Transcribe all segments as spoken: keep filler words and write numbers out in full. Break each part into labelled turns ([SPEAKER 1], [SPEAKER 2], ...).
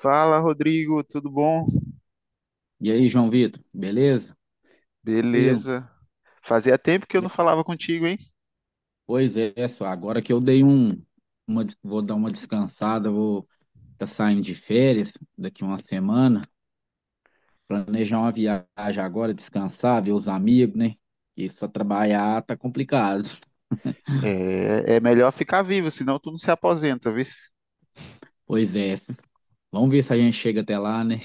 [SPEAKER 1] Fala, Rodrigo, tudo bom?
[SPEAKER 2] E aí, João Vitor, beleza? Tranquilo?
[SPEAKER 1] Beleza. Fazia tempo que eu não
[SPEAKER 2] E-
[SPEAKER 1] falava contigo, hein?
[SPEAKER 2] Pois é, só agora que eu dei um, uma, des- vou dar uma descansada, vou tá saindo de férias daqui uma semana, planejar uma viagem agora, descansar, ver os amigos, né? E só trabalhar tá complicado.
[SPEAKER 1] É, é melhor ficar vivo, senão tu não se aposenta, viu?
[SPEAKER 2] Pois é, vamos ver se a gente chega até lá, né?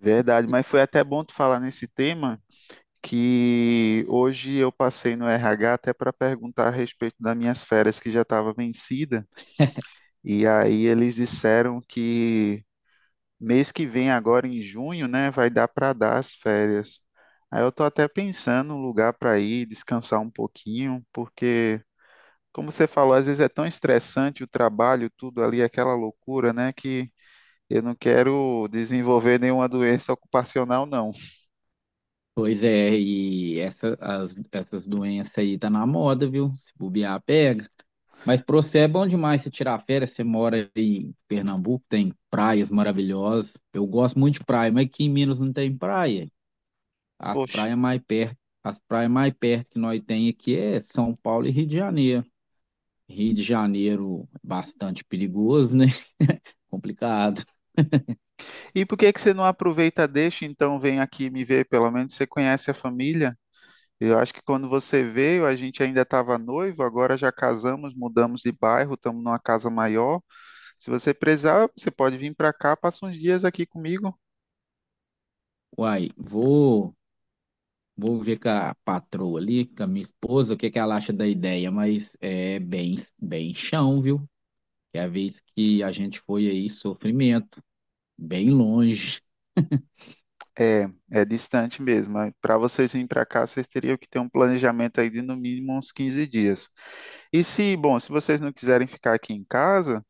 [SPEAKER 1] Verdade, mas foi até bom tu falar nesse tema, que hoje eu passei no R H até para perguntar a respeito das minhas férias que já estava vencida, e aí eles disseram que mês que vem, agora em junho, né, vai dar para dar as férias. Aí eu tô até pensando um lugar para ir descansar um pouquinho, porque como você falou, às vezes é tão estressante o trabalho, tudo ali, aquela loucura, né? Que eu não quero desenvolver nenhuma doença ocupacional, não.
[SPEAKER 2] Pois é, e essa, as- essas doenças aí tá na moda, viu? Se bobear, pega. Mas pra você é bom demais você tirar férias. Você mora aí em Pernambuco, tem praias maravilhosas. Eu gosto muito de praia, mas aqui em Minas não tem praia. As
[SPEAKER 1] Poxa.
[SPEAKER 2] praias mais perto, as praias mais perto que nós tem aqui é São Paulo e Rio de Janeiro. Rio de Janeiro é bastante perigoso, né? Complicado.
[SPEAKER 1] E por que que você não aproveita, deixa, então vem aqui me ver? Pelo menos você conhece a família. Eu acho que quando você veio, a gente ainda estava noivo, agora já casamos, mudamos de bairro, estamos numa casa maior. Se você precisar, você pode vir para cá, passa uns dias aqui comigo.
[SPEAKER 2] Uai, vou, vou ver com a patroa ali, com a minha esposa, o que que ela acha da ideia, mas é bem, bem chão, viu? Que é a vez que a gente foi aí, sofrimento, bem longe.
[SPEAKER 1] É, é distante mesmo. Para vocês virem para cá, vocês teriam que ter um planejamento aí de no mínimo uns quinze dias. E se, bom, se vocês não quiserem ficar aqui em casa,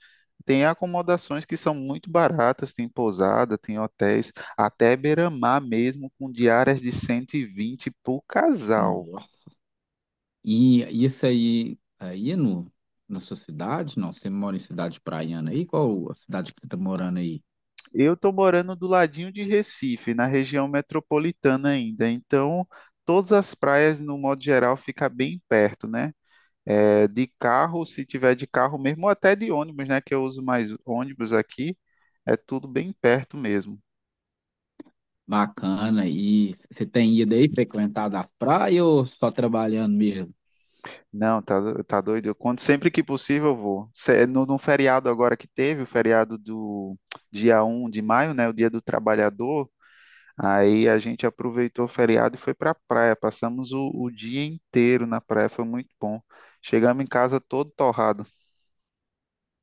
[SPEAKER 1] tem acomodações que são muito baratas, tem pousada, tem hotéis, até beira-mar mesmo, com diárias de cento e vinte por casal.
[SPEAKER 2] Nossa. E isso aí, aí no, na sua cidade? Não, você mora em cidade praiana aí? Qual a cidade que você tá morando aí?
[SPEAKER 1] Eu estou morando do ladinho de Recife, na região metropolitana ainda, então todas as praias, no modo geral, fica bem perto, né? É, de carro, se tiver de carro mesmo, ou até de ônibus, né? Que eu uso mais ônibus aqui, é tudo bem perto mesmo.
[SPEAKER 2] Bacana. E você tem ido aí frequentado a praia ou só trabalhando mesmo?
[SPEAKER 1] Não, tá, do- tá doido. Eu, quando, sempre que possível eu vou. Se- no, no feriado agora que teve, o feriado do dia um de maio, né? O dia do trabalhador. Aí a gente aproveitou o feriado e foi pra praia. Passamos o, o dia inteiro na praia, foi muito bom. Chegamos em casa todo torrado.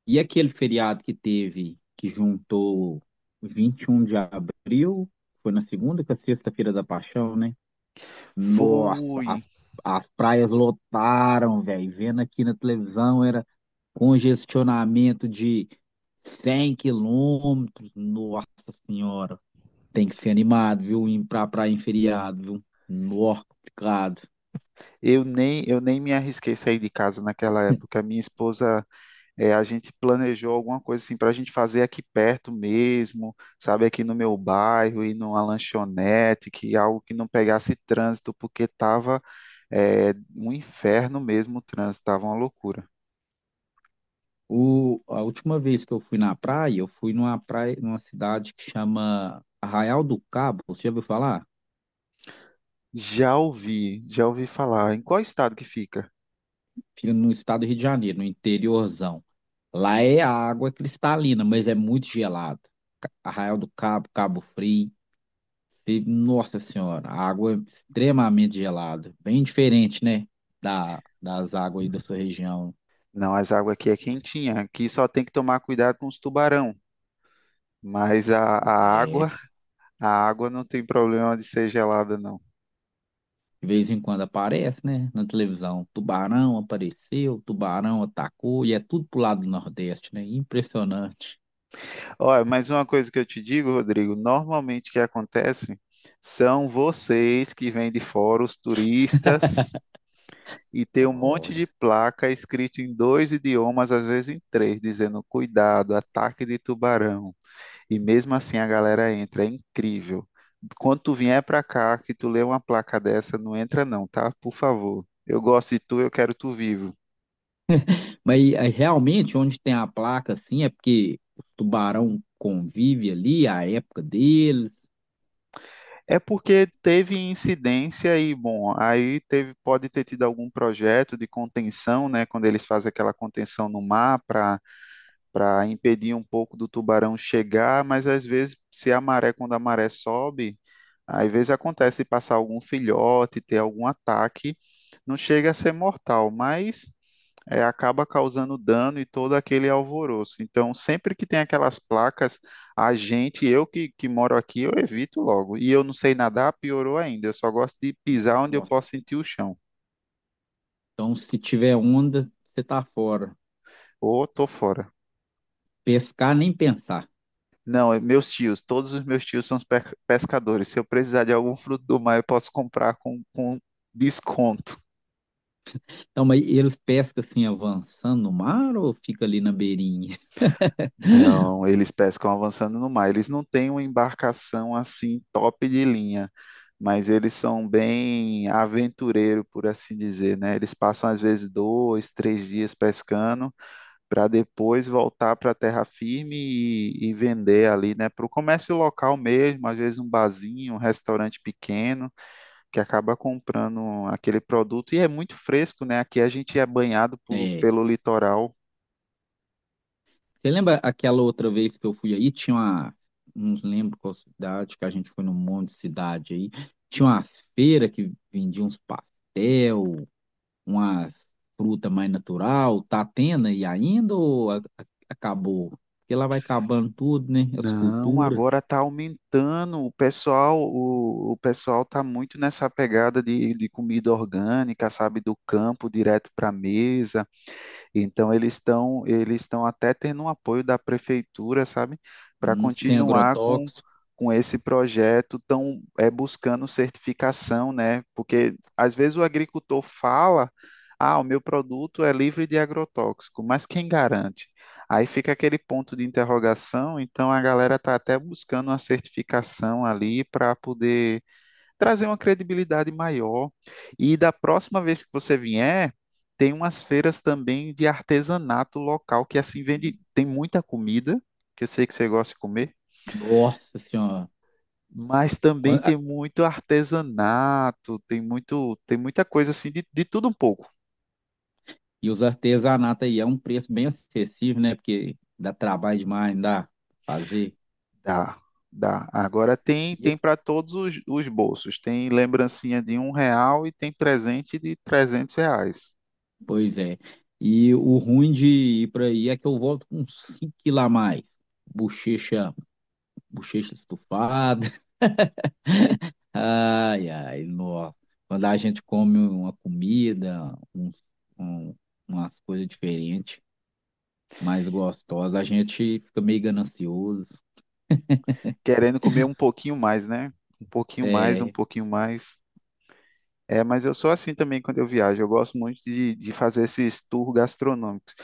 [SPEAKER 2] E aquele feriado que teve, que juntou vinte e um de abril, foi na segunda com a sexta-feira da Paixão, né? Nossa, as,
[SPEAKER 1] Fui.
[SPEAKER 2] as praias lotaram, velho. Vendo aqui na televisão, congestionamento de cem quilômetros. Nossa Senhora. Tem que ser animado, viu? Ir pra praia em feriado, viu? Nó, complicado.
[SPEAKER 1] Eu nem, eu nem me arrisquei sair de casa naquela época. Minha esposa. É, a gente planejou alguma coisa assim para a gente fazer aqui perto mesmo, sabe, aqui no meu bairro, ir numa lanchonete, que algo que não pegasse trânsito, porque tava é, um inferno mesmo o trânsito, tava uma loucura.
[SPEAKER 2] O, a última vez que eu fui na praia, eu fui numa praia, numa cidade que chama Arraial do Cabo. Você já ouviu falar?
[SPEAKER 1] Já ouvi, já ouvi falar. Em qual estado que fica?
[SPEAKER 2] Fica no estado do Rio de Janeiro, no interiorzão. Lá é a água cristalina, mas é muito gelada. Arraial do Cabo, Cabo Frio. E, nossa senhora, água é extremamente gelada. Bem diferente, né? Da, das águas aí da sua região.
[SPEAKER 1] Não, as águas aqui é quentinha, aqui só tem que tomar cuidado com os tubarão, mas a, a
[SPEAKER 2] É,
[SPEAKER 1] água, a água não tem problema de ser gelada, não.
[SPEAKER 2] de vez em quando aparece, né? Na televisão. Tubarão apareceu, tubarão atacou, e é tudo pro lado do Nordeste, né? Impressionante.
[SPEAKER 1] Olha, mas uma coisa que eu te digo, Rodrigo, normalmente o que acontece são vocês que vêm de fora, os turistas, e tem um monte de
[SPEAKER 2] Olha.
[SPEAKER 1] placa escrito em dois idiomas, às vezes em três, dizendo cuidado, ataque de tubarão. E mesmo assim a galera entra, é incrível. Quando tu vier pra cá, que tu lê uma placa dessa, não entra não, tá? Por favor. Eu gosto de tu, eu quero tu vivo.
[SPEAKER 2] Mas aí, realmente, onde tem a placa, assim, é porque o tubarão convive ali, a época deles.
[SPEAKER 1] É porque teve incidência e, bom, aí teve, pode ter tido algum projeto de contenção, né? Quando eles fazem aquela contenção no mar para para impedir um pouco do tubarão chegar, mas às vezes, se a maré, quando a maré sobe, às vezes acontece de passar algum filhote, ter algum ataque, não chega a ser mortal, mas é, acaba causando dano e todo aquele alvoroço. Então, sempre que tem aquelas placas, a gente, eu que, que moro aqui, eu evito logo. E eu não sei nadar, piorou ainda. Eu só gosto de pisar onde eu
[SPEAKER 2] Nossa.
[SPEAKER 1] posso sentir o chão.
[SPEAKER 2] Então, se tiver onda, você tá fora.
[SPEAKER 1] Ou tô fora.
[SPEAKER 2] Pescar, nem pensar.
[SPEAKER 1] Não, é meus tios, todos os meus tios são pe- pescadores. Se eu precisar de algum fruto do mar, eu posso comprar com, com desconto.
[SPEAKER 2] Então, mas eles pescam assim, avançando no mar ou fica ali na beirinha?
[SPEAKER 1] Não, eles pescam avançando no mar. Eles não têm uma embarcação assim top de linha, mas eles são bem aventureiro, por assim dizer, né? Eles passam às vezes dois, três dias pescando para depois voltar para a terra firme e, e vender ali, né? Para o comércio local mesmo, às vezes um barzinho, um restaurante pequeno que acaba comprando aquele produto e é muito fresco, né? Aqui a gente é banhado por-
[SPEAKER 2] É.
[SPEAKER 1] pelo litoral.
[SPEAKER 2] Você lembra aquela outra vez que eu fui aí? Tinha uma. Não lembro qual cidade, que a gente foi num monte de cidade aí. Tinha umas feiras que vendiam uns pastel, umas fruta mais natural. Tá tendo aí ainda ou a- a- acabou? Porque lá vai acabando tudo, né? As
[SPEAKER 1] Não,
[SPEAKER 2] culturas,
[SPEAKER 1] agora está aumentando. O pessoal, o, o pessoal está muito nessa pegada de, de comida orgânica, sabe, do campo direto para a mesa. Então eles estão eles estão até tendo um apoio da prefeitura, sabe, para
[SPEAKER 2] hum, sem
[SPEAKER 1] continuar com
[SPEAKER 2] agrotóxico.
[SPEAKER 1] com esse projeto, tão é, buscando certificação, né? Porque às vezes o agricultor fala, ah, o meu produto é livre de agrotóxico, mas quem garante? Aí fica aquele ponto de interrogação, então a galera está até buscando uma certificação ali para poder trazer uma credibilidade maior. E da próxima vez que você vier, tem umas feiras também de artesanato local que assim vende, tem muita comida, que eu sei que você gosta de comer,
[SPEAKER 2] Nossa Senhora.
[SPEAKER 1] mas também
[SPEAKER 2] Quan-
[SPEAKER 1] tem muito artesanato, tem muito, tem muita coisa assim de, de tudo um pouco.
[SPEAKER 2] E os artesanatos aí é um preço bem acessível, né? Porque dá trabalho demais, não dá pra fazer.
[SPEAKER 1] Dá, dá. Agora tem,
[SPEAKER 2] E-
[SPEAKER 1] tem para todos os, os bolsos. Tem lembrancinha de um real e tem presente de trezentos reais.
[SPEAKER 2] Pois é. E o ruim de ir para aí é que eu volto com cinco quilos a mais. Bochecha, bochecha estufada. Ai, ai, nossa. Quando a gente come uma comida, uns- um- umas coisas diferentes, mais gostosas, a gente fica meio ganancioso.
[SPEAKER 1] Querendo comer um pouquinho mais, né? Um pouquinho mais, um
[SPEAKER 2] É,
[SPEAKER 1] pouquinho mais. É, mas eu sou assim também quando eu viajo. Eu gosto muito de, de fazer esses tours gastronômicos.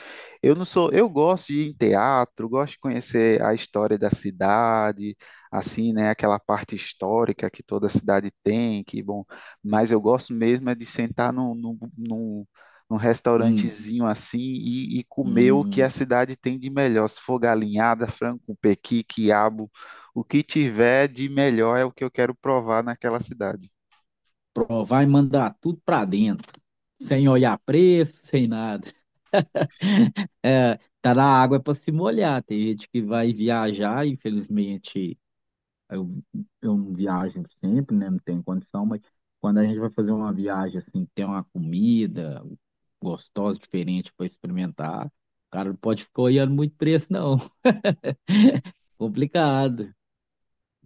[SPEAKER 1] Eu não sou, eu gosto de ir em teatro, gosto de conhecer a história da cidade, assim, né, aquela parte histórica que toda cidade tem, que bom. Mas eu gosto mesmo é de sentar num, num, num, num
[SPEAKER 2] hum,
[SPEAKER 1] restaurantezinho assim e, e comer o que a
[SPEAKER 2] hum,
[SPEAKER 1] cidade tem de melhor. Se for galinhada, frango com pequi, quiabo, o que tiver de melhor é o que eu quero provar naquela cidade.
[SPEAKER 2] provar e mandar tudo para dentro. Sem olhar preço, sem nada. É, tá na água para se molhar. Tem gente que vai viajar, infelizmente, eu, eu não viajo sempre, né? Não tenho condição, mas quando a gente vai fazer uma viagem assim, tem uma comida gostosa, diferente para experimentar, o cara não pode ficar olhando muito preço, não. Complicado.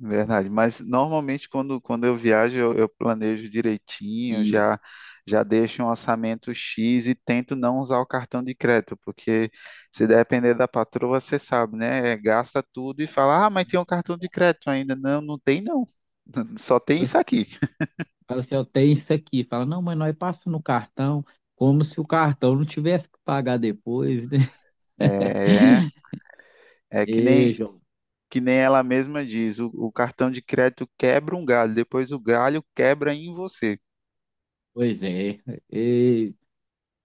[SPEAKER 1] Verdade, mas normalmente quando, quando eu viajo eu, eu planejo direitinho,
[SPEAKER 2] E
[SPEAKER 1] já já deixo um orçamento X e tento não usar o cartão de crédito, porque se depender da patroa, você sabe, né? É, gasta tudo e fala, ah, mas tem um cartão de crédito ainda. Não, não tem não. Só tem
[SPEAKER 2] você
[SPEAKER 1] isso aqui.
[SPEAKER 2] fala assim, eu tenho isso aqui. Fala, não, mas nós passamos no cartão, como se o cartão não tivesse que pagar depois, né?
[SPEAKER 1] É, é que
[SPEAKER 2] E,
[SPEAKER 1] nem que nem ela mesma diz, o, o cartão de crédito quebra um galho, depois o galho quebra em você.
[SPEAKER 2] Pois é, e-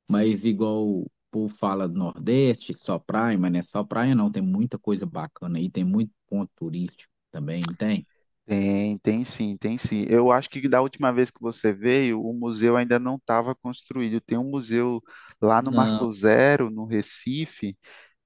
[SPEAKER 2] mas igual o povo fala do Nordeste, só praia, mas não é só praia não, tem muita coisa bacana aí, tem muito ponto turístico também, não tem?
[SPEAKER 1] Tem, tem sim, tem sim. Eu acho que da última vez que você veio, o museu ainda não estava construído. Tem um museu lá no Marco
[SPEAKER 2] Não,
[SPEAKER 1] Zero, no Recife,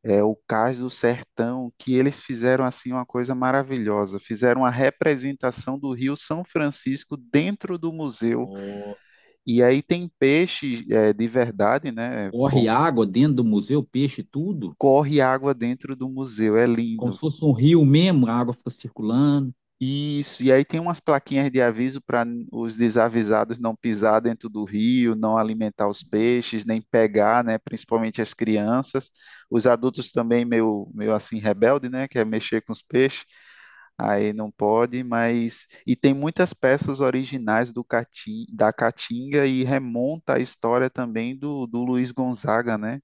[SPEAKER 1] é o Cais do Sertão, que eles fizeram assim uma coisa maravilhosa. Fizeram uma representação do Rio São Francisco dentro do museu.
[SPEAKER 2] ó,
[SPEAKER 1] E aí tem peixe, é, de verdade, né?
[SPEAKER 2] corre
[SPEAKER 1] Bom,
[SPEAKER 2] água dentro do museu, peixe, tudo,
[SPEAKER 1] corre água dentro do museu. É
[SPEAKER 2] como
[SPEAKER 1] lindo.
[SPEAKER 2] se fosse um rio mesmo, a água fica circulando,
[SPEAKER 1] Isso, e aí tem umas plaquinhas de aviso para os desavisados não pisar dentro do rio, não alimentar os peixes, nem pegar, né, principalmente as crianças. Os adultos também meio, meio assim rebelde, né, quer mexer com os peixes, aí não pode, mas e tem muitas peças originais do Cati- da Caatinga e remonta a história também do, do Luiz Gonzaga, né?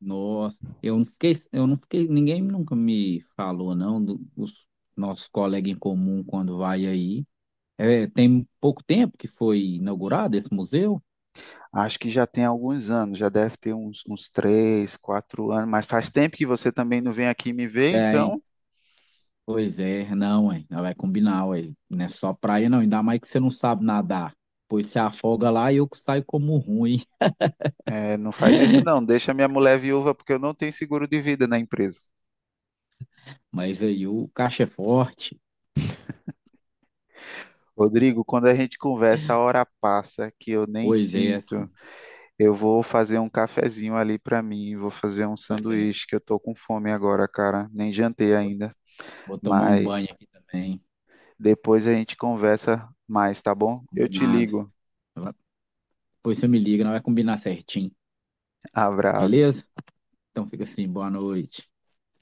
[SPEAKER 2] nossa, eu não fiquei, eu não fiquei, ninguém nunca me falou não, do- os nossos colegas em comum quando vai aí, é, tem pouco tempo que foi inaugurado esse museu?
[SPEAKER 1] Acho que já tem alguns anos, já deve ter uns, uns três, quatro anos, mas faz tempo que você também não vem aqui me ver,
[SPEAKER 2] Tem.
[SPEAKER 1] então
[SPEAKER 2] Pois é, não, hein? Não vai combinar, ué. Não é só praia, não. Ainda mais que você não sabe nadar. Pois se afoga lá e eu que saio como ruim.
[SPEAKER 1] é, não faz isso não, deixa minha mulher viúva, porque eu não tenho seguro de vida na empresa.
[SPEAKER 2] Mas aí o caixa é forte.
[SPEAKER 1] Rodrigo, quando a gente conversa, a hora passa que eu nem
[SPEAKER 2] Pois é,
[SPEAKER 1] sinto. Eu vou fazer um cafezinho ali para mim, vou fazer um
[SPEAKER 2] pois é.
[SPEAKER 1] sanduíche, que eu tô com fome agora, cara, nem jantei ainda,
[SPEAKER 2] Vou tomar um
[SPEAKER 1] mas
[SPEAKER 2] banho aqui também.
[SPEAKER 1] depois a gente conversa mais, tá bom? Eu te
[SPEAKER 2] Combinado.
[SPEAKER 1] ligo.
[SPEAKER 2] Vai- Pois você me liga, não vai combinar certinho.
[SPEAKER 1] Abraço.
[SPEAKER 2] Beleza? Então fica assim, boa noite.